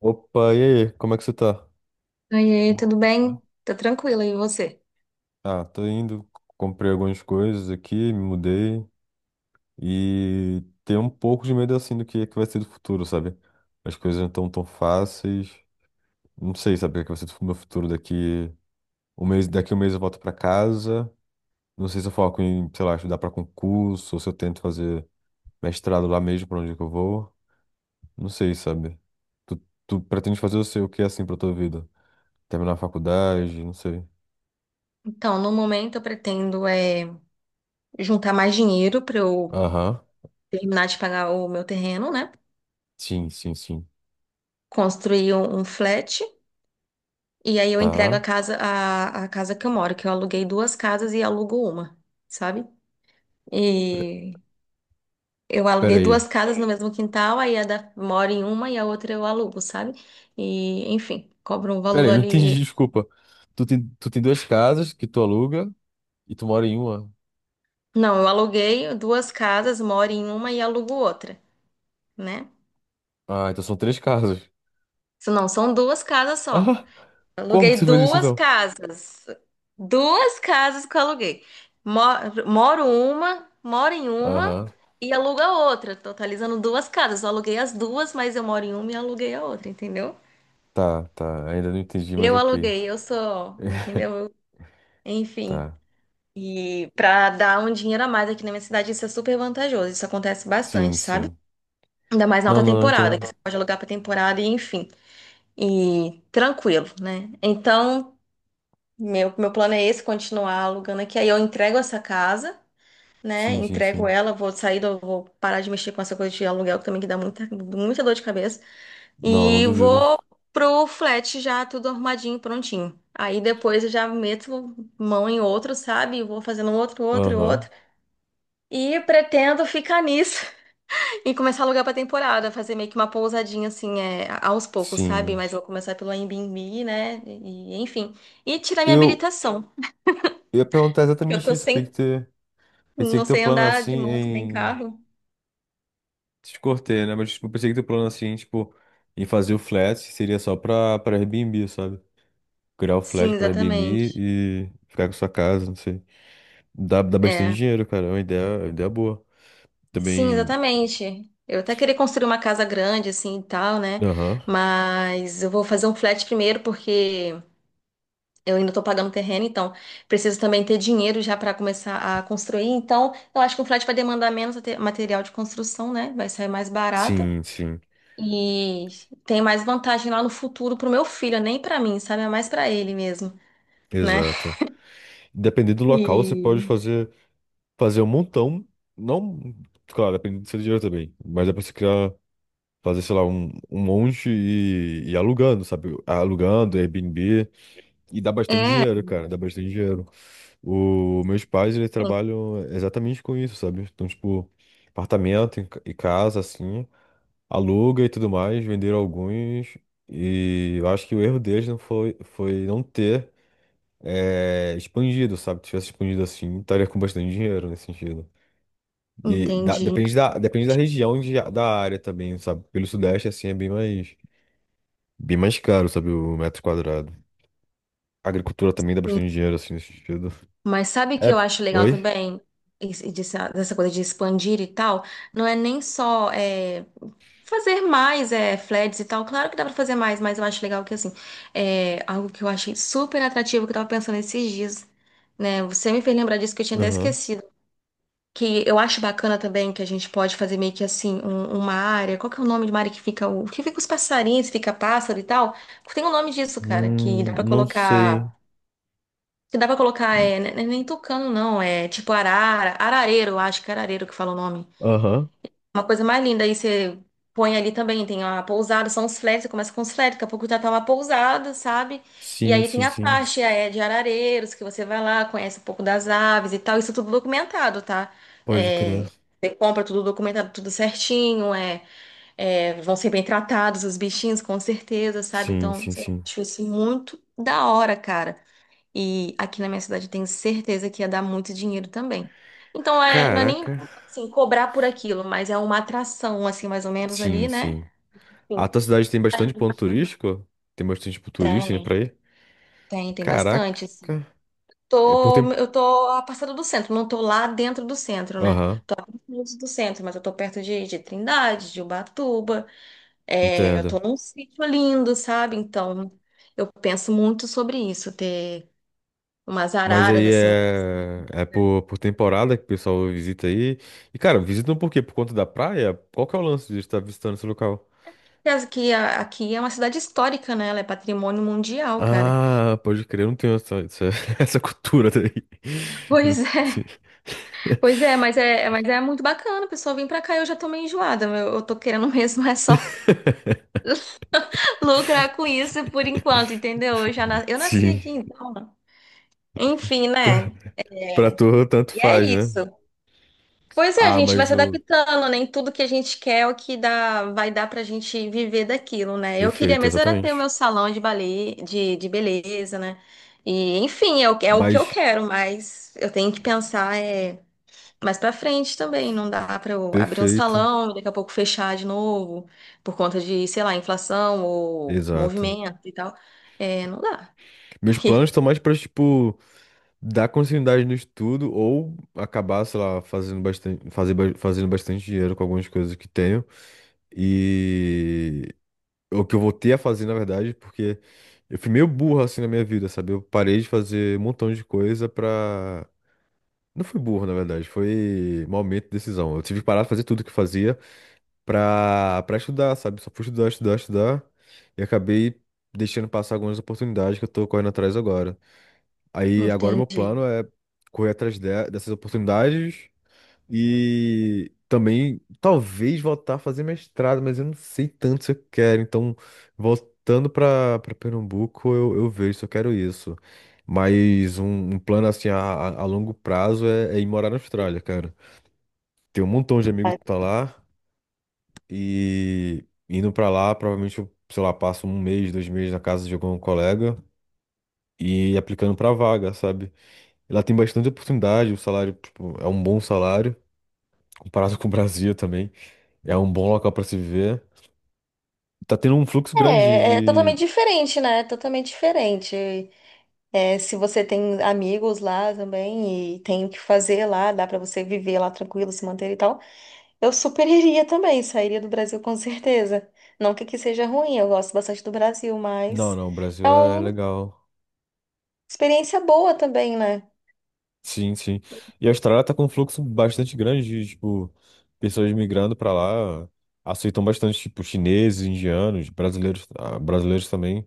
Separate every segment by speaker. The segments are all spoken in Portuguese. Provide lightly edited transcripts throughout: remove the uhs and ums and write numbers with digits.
Speaker 1: Opa, e aí? Como é que você tá?
Speaker 2: Oiê,
Speaker 1: Boa
Speaker 2: tudo
Speaker 1: noite, né?
Speaker 2: bem? Tá tranquila, e você?
Speaker 1: Ah, tô indo, comprei algumas coisas aqui, me mudei e tenho um pouco de medo assim do que vai ser do futuro, sabe? As coisas não estão tão fáceis. Não sei, sabe, o que é que vai ser do meu futuro daqui um mês eu volto pra casa. Não sei se eu foco em, sei lá, estudar pra concurso ou se eu tento fazer mestrado lá mesmo pra onde que eu vou. Não sei, sabe? Tu, tu pretende fazer o seu o que é, assim pra tua vida? Terminar a faculdade, não sei.
Speaker 2: Então, no momento eu pretendo juntar mais dinheiro para eu
Speaker 1: Aham.
Speaker 2: terminar de pagar o meu terreno, né?
Speaker 1: Sim, sim, sim.
Speaker 2: Construir um flat e aí eu entrego a
Speaker 1: Tá.
Speaker 2: casa a casa que eu moro, que eu aluguei duas casas e alugo uma, sabe? E eu
Speaker 1: Pera
Speaker 2: aluguei
Speaker 1: aí.
Speaker 2: duas casas no mesmo quintal, aí a da moro em uma e a outra eu alugo, sabe? E enfim, cobro um
Speaker 1: Pera
Speaker 2: valor
Speaker 1: aí, não entendi,
Speaker 2: ali.
Speaker 1: desculpa. Tu tem duas casas que tu aluga e tu mora em uma.
Speaker 2: Não, eu aluguei duas casas, moro em uma e alugo outra, né?
Speaker 1: Ah, então são três casas.
Speaker 2: Isso não, são duas casas só.
Speaker 1: Ah, como que
Speaker 2: Aluguei
Speaker 1: você fez isso
Speaker 2: duas
Speaker 1: então?
Speaker 2: casas. Duas casas que eu aluguei. Moro em uma
Speaker 1: Aham.
Speaker 2: e alugo a outra, totalizando duas casas. Eu aluguei as duas, mas eu moro em uma e aluguei a outra, entendeu?
Speaker 1: Tá, tá. Ainda não entendi, mas
Speaker 2: Eu
Speaker 1: ok.
Speaker 2: aluguei, eu sou, entendeu? Eu- Enfim.
Speaker 1: Tá.
Speaker 2: E pra dar um dinheiro a mais aqui na minha cidade, isso é super vantajoso. Isso acontece
Speaker 1: Sim,
Speaker 2: bastante, sabe?
Speaker 1: sim.
Speaker 2: Ainda mais na
Speaker 1: Não,
Speaker 2: alta
Speaker 1: não, não
Speaker 2: temporada, que
Speaker 1: entendo.
Speaker 2: você pode alugar pra temporada e enfim. E tranquilo, né? Então. Meu plano é esse, continuar alugando aqui. Aí eu entrego essa casa, né?
Speaker 1: Sim, sim,
Speaker 2: Entrego
Speaker 1: sim.
Speaker 2: ela, vou sair, do- vou parar de mexer com essa coisa de aluguel que também que dá muita dor de cabeça.
Speaker 1: Não, não
Speaker 2: E
Speaker 1: duvido.
Speaker 2: vou pro flat já, tudo arrumadinho, prontinho. Aí depois eu já meto mão em outro, sabe? Vou fazendo um outro.
Speaker 1: Aham.
Speaker 2: E pretendo ficar nisso e começar a alugar pra temporada, fazer meio que uma pousadinha assim, aos poucos, sabe?
Speaker 1: Sim.
Speaker 2: Mas vou começar pelo Airbnb, né? E, enfim. E tirar minha
Speaker 1: Eu,
Speaker 2: habilitação.
Speaker 1: eu ia perguntar
Speaker 2: Eu
Speaker 1: exatamente
Speaker 2: tô
Speaker 1: isso.
Speaker 2: sem.
Speaker 1: Te, pensei
Speaker 2: Não
Speaker 1: que teu
Speaker 2: sei
Speaker 1: plano
Speaker 2: andar de moto nem
Speaker 1: assim.
Speaker 2: carro.
Speaker 1: Te cortei, né? Mas tipo, eu pensei que teu plano assim, tipo, em fazer o flat seria só pra Airbnb, sabe? Criar o flat
Speaker 2: Sim,
Speaker 1: pra Airbnb
Speaker 2: exatamente.
Speaker 1: e ficar com sua casa, não sei. Dá bastante
Speaker 2: É.
Speaker 1: dinheiro, cara. É uma ideia boa.
Speaker 2: Sim,
Speaker 1: Também.
Speaker 2: exatamente. Eu até queria construir uma casa grande, assim, e tal, né?
Speaker 1: Aham.
Speaker 2: Mas eu vou fazer um flat primeiro, porque eu ainda tô pagando terreno, então preciso também ter dinheiro já para começar a construir. Então, eu acho que um flat vai demandar menos ate- material de construção, né? Vai sair mais barato.
Speaker 1: Sim, sim.
Speaker 2: E tem mais vantagem lá no futuro pro meu filho, nem pra mim, sabe? É mais pra ele mesmo, né?
Speaker 1: Exato. Dependendo do local, você pode
Speaker 2: E
Speaker 1: fazer um montão. Não. Claro, dependendo do seu dinheiro também. Mas dá pra você criar. Fazer, sei lá, um monte e alugando, sabe? Alugando, Airbnb. E dá bastante
Speaker 2: é,
Speaker 1: dinheiro, cara. Dá bastante dinheiro. O, meus pais, eles trabalham exatamente com isso, sabe? Então, tipo, apartamento e casa, assim, aluga e tudo mais, venderam alguns. E eu acho que o erro deles foi não ter expandido, sabe? Se tivesse expandido assim, estaria com bastante dinheiro nesse sentido. E da-
Speaker 2: entendi.
Speaker 1: depende da, depende da região da área também, sabe? Pelo Sudeste, assim, é bem mais caro, sabe? O metro quadrado. A agricultura também dá bastante dinheiro, assim, nesse sentido.
Speaker 2: Mas sabe que
Speaker 1: É,
Speaker 2: eu acho legal
Speaker 1: oi?
Speaker 2: também esse- dessa coisa de expandir e tal? Não é nem só fazer mais flats e tal. Claro que dá pra fazer mais, mas eu acho legal que assim, é algo que eu achei super atrativo que eu tava pensando esses dias, né? Você me fez lembrar disso que eu tinha até
Speaker 1: Aham.
Speaker 2: esquecido. Que eu acho bacana também que a gente pode fazer meio que assim, um- uma área. Qual que é o nome de uma área que fica o que fica os passarinhos, fica pássaro e tal? Tem um nome disso, cara, que dá pra
Speaker 1: Não
Speaker 2: colocar.
Speaker 1: sei.
Speaker 2: Que dá pra colocar, é, ne- nem tucano, não. É tipo arara, arareiro, eu acho que é arareiro que fala o nome.
Speaker 1: Aham.
Speaker 2: Uma coisa mais linda, aí você põe ali também, tem a pousada, são os flags, você começa com os flags, daqui a pouco já tá uma pousada, sabe? E
Speaker 1: Sim,
Speaker 2: aí tem
Speaker 1: sim,
Speaker 2: a
Speaker 1: sim.
Speaker 2: faixa de arareiros, que você vai lá, conhece um pouco das aves e tal, isso tudo documentado, tá?
Speaker 1: Pode crer.
Speaker 2: É, você compra tudo documentado, tudo certinho, vão ser bem tratados os bichinhos, com certeza, sabe?
Speaker 1: Sim,
Speaker 2: Então,
Speaker 1: sim,
Speaker 2: eu
Speaker 1: sim.
Speaker 2: acho isso muito da hora, cara. E aqui na minha cidade eu tenho certeza que ia dar muito dinheiro também. Então é, não é nem
Speaker 1: Caraca.
Speaker 2: assim, cobrar por aquilo, mas é uma atração, assim, mais ou menos
Speaker 1: Sim,
Speaker 2: ali, né?
Speaker 1: sim. A
Speaker 2: Enfim,
Speaker 1: tua cidade tem bastante ponto turístico? Tem bastante, tipo, turista indo pra
Speaker 2: tem,
Speaker 1: aí?
Speaker 2: tem
Speaker 1: Caraca.
Speaker 2: bastante, assim.
Speaker 1: É por tempo.
Speaker 2: Tô, eu tô a passada do centro, não tô lá dentro do centro, né?
Speaker 1: Aham,
Speaker 2: Longe do centro, mas eu tô perto de Trindade, de Ubatuba. É, eu tô
Speaker 1: entendo.
Speaker 2: num sítio lindo, sabe? Então, eu penso muito sobre isso, ter umas
Speaker 1: Mas
Speaker 2: araras,
Speaker 1: aí
Speaker 2: assim.
Speaker 1: é por temporada que o pessoal visita aí. E, cara, visitam por quê? Por conta da praia? Qual que é o lance de estar visitando esse local?
Speaker 2: Aliás, aqui, aqui é uma cidade histórica, né? Ela é patrimônio mundial, cara.
Speaker 1: Ah, pode crer, eu não tenho essa cultura daí. Eu não
Speaker 2: Pois é,
Speaker 1: sei.
Speaker 2: pois é, mas é, mas é muito bacana, pessoal. Vem pra cá, eu já tô meio enjoada, meu. Eu tô querendo mesmo é só lucrar com isso por enquanto, entendeu? Eu já na- eu nasci
Speaker 1: Sim,
Speaker 2: aqui, então. Enfim,
Speaker 1: pra,
Speaker 2: né?
Speaker 1: pra
Speaker 2: É.
Speaker 1: tu tanto
Speaker 2: E é
Speaker 1: faz, né?
Speaker 2: isso. Pois é, a
Speaker 1: Ah,
Speaker 2: gente vai
Speaker 1: mas
Speaker 2: se
Speaker 1: o.
Speaker 2: adaptando, nem tudo que a gente quer é o que dá, vai dar pra gente viver daquilo, né? Eu queria
Speaker 1: Perfeito,
Speaker 2: mesmo era ter o meu
Speaker 1: exatamente.
Speaker 2: salão de balé, de beleza, né? E, enfim, é é o que eu
Speaker 1: Mas
Speaker 2: quero, mas eu tenho que pensar mais pra frente também. Não dá pra eu abrir um
Speaker 1: perfeito,
Speaker 2: salão e daqui a pouco fechar de novo por conta de, sei lá, inflação ou
Speaker 1: exato.
Speaker 2: movimento e tal. É, não dá.
Speaker 1: Meus planos estão mais pra, tipo, dar continuidade no estudo ou acabar, sei lá, fazendo bastante, fazendo bastante dinheiro com algumas coisas que tenho. E o que eu voltei a fazer, na verdade, porque eu fui meio burro assim na minha vida, sabe? Eu parei de fazer um montão de coisa pra. Não fui burro, na verdade, foi mau aumento de decisão. Eu tive que parar de fazer tudo que eu fazia pra estudar, sabe? Só fui estudar, estudar, estudar. E acabei deixando passar algumas oportunidades que eu tô correndo atrás agora. Aí agora meu plano
Speaker 2: Entendi.
Speaker 1: é correr atrás dessas oportunidades e também talvez voltar a fazer mestrado, mas eu não sei tanto se eu quero. Então, voltando para Pernambuco, eu vejo se eu quero isso. Mas um plano assim a longo prazo é ir morar na Austrália, cara. Tem um montão de amigos que tá lá. E indo pra lá, provavelmente eu, sei lá, passo um mês, dois meses na casa de algum colega e aplicando pra vaga, sabe? Ela tem bastante oportunidade, o salário, tipo, é um bom salário, comparado com o Brasil também. É um bom local pra se viver. Tá tendo um fluxo grande
Speaker 2: É, é
Speaker 1: de.
Speaker 2: totalmente diferente, né? Totalmente diferente. É, se você tem amigos lá também e tem o que fazer lá, dá pra você viver lá tranquilo, se manter e tal, eu super iria também, sairia do Brasil com certeza. Não que aqui seja ruim, eu gosto bastante do Brasil,
Speaker 1: Não,
Speaker 2: mas
Speaker 1: não, o
Speaker 2: é
Speaker 1: Brasil é
Speaker 2: uma
Speaker 1: legal.
Speaker 2: experiência boa também, né?
Speaker 1: Sim, sim. E a Austrália tá com um fluxo bastante grande de, tipo, pessoas migrando pra lá. Aceitam bastante, tipo, chineses, indianos, brasileiros, ah, brasileiros também.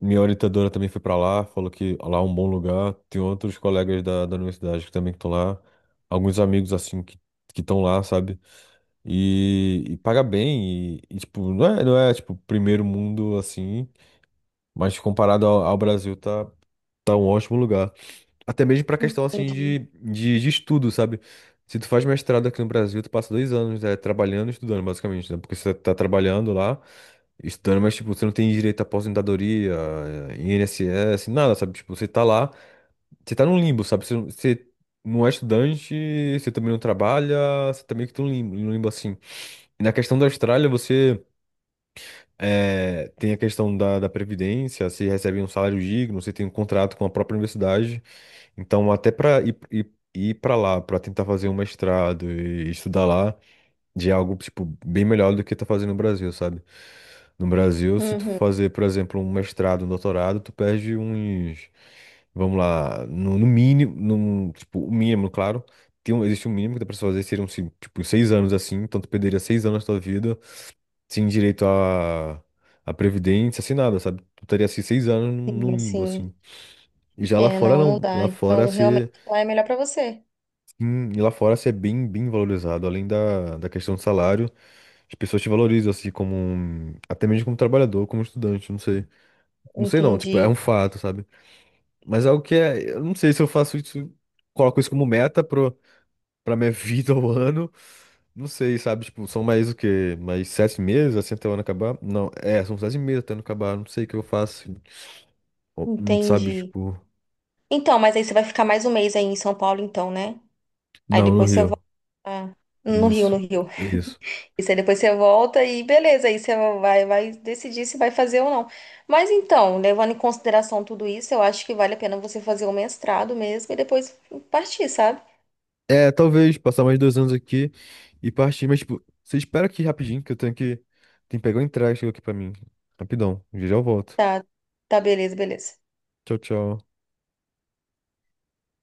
Speaker 1: Minha orientadora também foi para lá, falou que lá é um bom lugar. Tem outros colegas da universidade que também estão lá. Alguns amigos, assim, que estão lá, sabe? E paga bem. E, tipo, não é, tipo, primeiro mundo, assim. Mas comparado ao Brasil, tá, tá um ótimo lugar. Até mesmo pra questão, assim, de,
Speaker 2: Entendi.
Speaker 1: de, de estudo, sabe? Se tu faz mestrado aqui no Brasil, tu passa dois anos, né, trabalhando e estudando, basicamente, né? Porque você tá trabalhando lá. Estudando, mas, tipo, você não tem direito à aposentadoria, INSS, nada, sabe? Tipo, você tá lá, você tá num limbo, sabe? Você não é estudante, você também não trabalha, você tá meio que num limbo assim. E na questão da Austrália, você tem a questão da Previdência, você recebe um salário digno, você tem um contrato com a própria universidade. Então, até pra ir pra lá, pra tentar fazer um mestrado e estudar lá, de algo, tipo, bem melhor do que tá fazendo no Brasil, sabe? No Brasil, se tu
Speaker 2: Uhum,
Speaker 1: fazer, por exemplo, um mestrado, um doutorado, tu perde uns, vamos lá, no mínimo, no, tipo, o mínimo, claro, existe um mínimo que dá pra se fazer, seriam, se- tipo, seis anos assim, então tu perderia seis anos da tua vida sem direito a previdência, sem nada, sabe? Tu teria assim, seis anos num
Speaker 2: sim,
Speaker 1: limbo, assim.
Speaker 2: sim.
Speaker 1: E já lá
Speaker 2: É,
Speaker 1: fora
Speaker 2: não, não
Speaker 1: não,
Speaker 2: dá.
Speaker 1: lá fora
Speaker 2: Então, realmente
Speaker 1: você,
Speaker 2: lá é melhor pra você.
Speaker 1: sim, e lá fora você é bem valorizado, além da questão do salário, as pessoas te valorizam, assim, como um. Até mesmo como trabalhador, como estudante, não sei. Não sei não, tipo, é
Speaker 2: Entendi,
Speaker 1: um fato, sabe? Mas é o que é. Eu não sei se eu faço isso. Coloco isso como meta pro, pra minha vida ou ano. Não sei, sabe? Tipo, são mais o quê? Mais sete meses, assim, até o ano acabar? Não, é, são sete meses até o ano acabar. Não sei o que eu faço. Ou, sabe,
Speaker 2: entendi.
Speaker 1: tipo.
Speaker 2: Então, mas aí você vai ficar mais 1 mês aí em São Paulo, então, né? Aí
Speaker 1: Não, no
Speaker 2: depois você
Speaker 1: Rio.
Speaker 2: volta no Rio,
Speaker 1: Isso,
Speaker 2: no Rio.
Speaker 1: isso.
Speaker 2: Isso, aí depois você volta e beleza, aí você vai, vai decidir se vai fazer ou não. Mas então, levando em consideração tudo isso, eu acho que vale a pena você fazer o mestrado mesmo e depois partir, sabe?
Speaker 1: É, talvez passar mais dois anos aqui e partir. Mas, tipo, você espera aqui rapidinho, que eu tenho que. Tem que pegar o entrega que chegou aqui pra mim. Rapidão. Já já eu volto.
Speaker 2: Tá, tá, beleza, beleza.
Speaker 1: Tchau, tchau.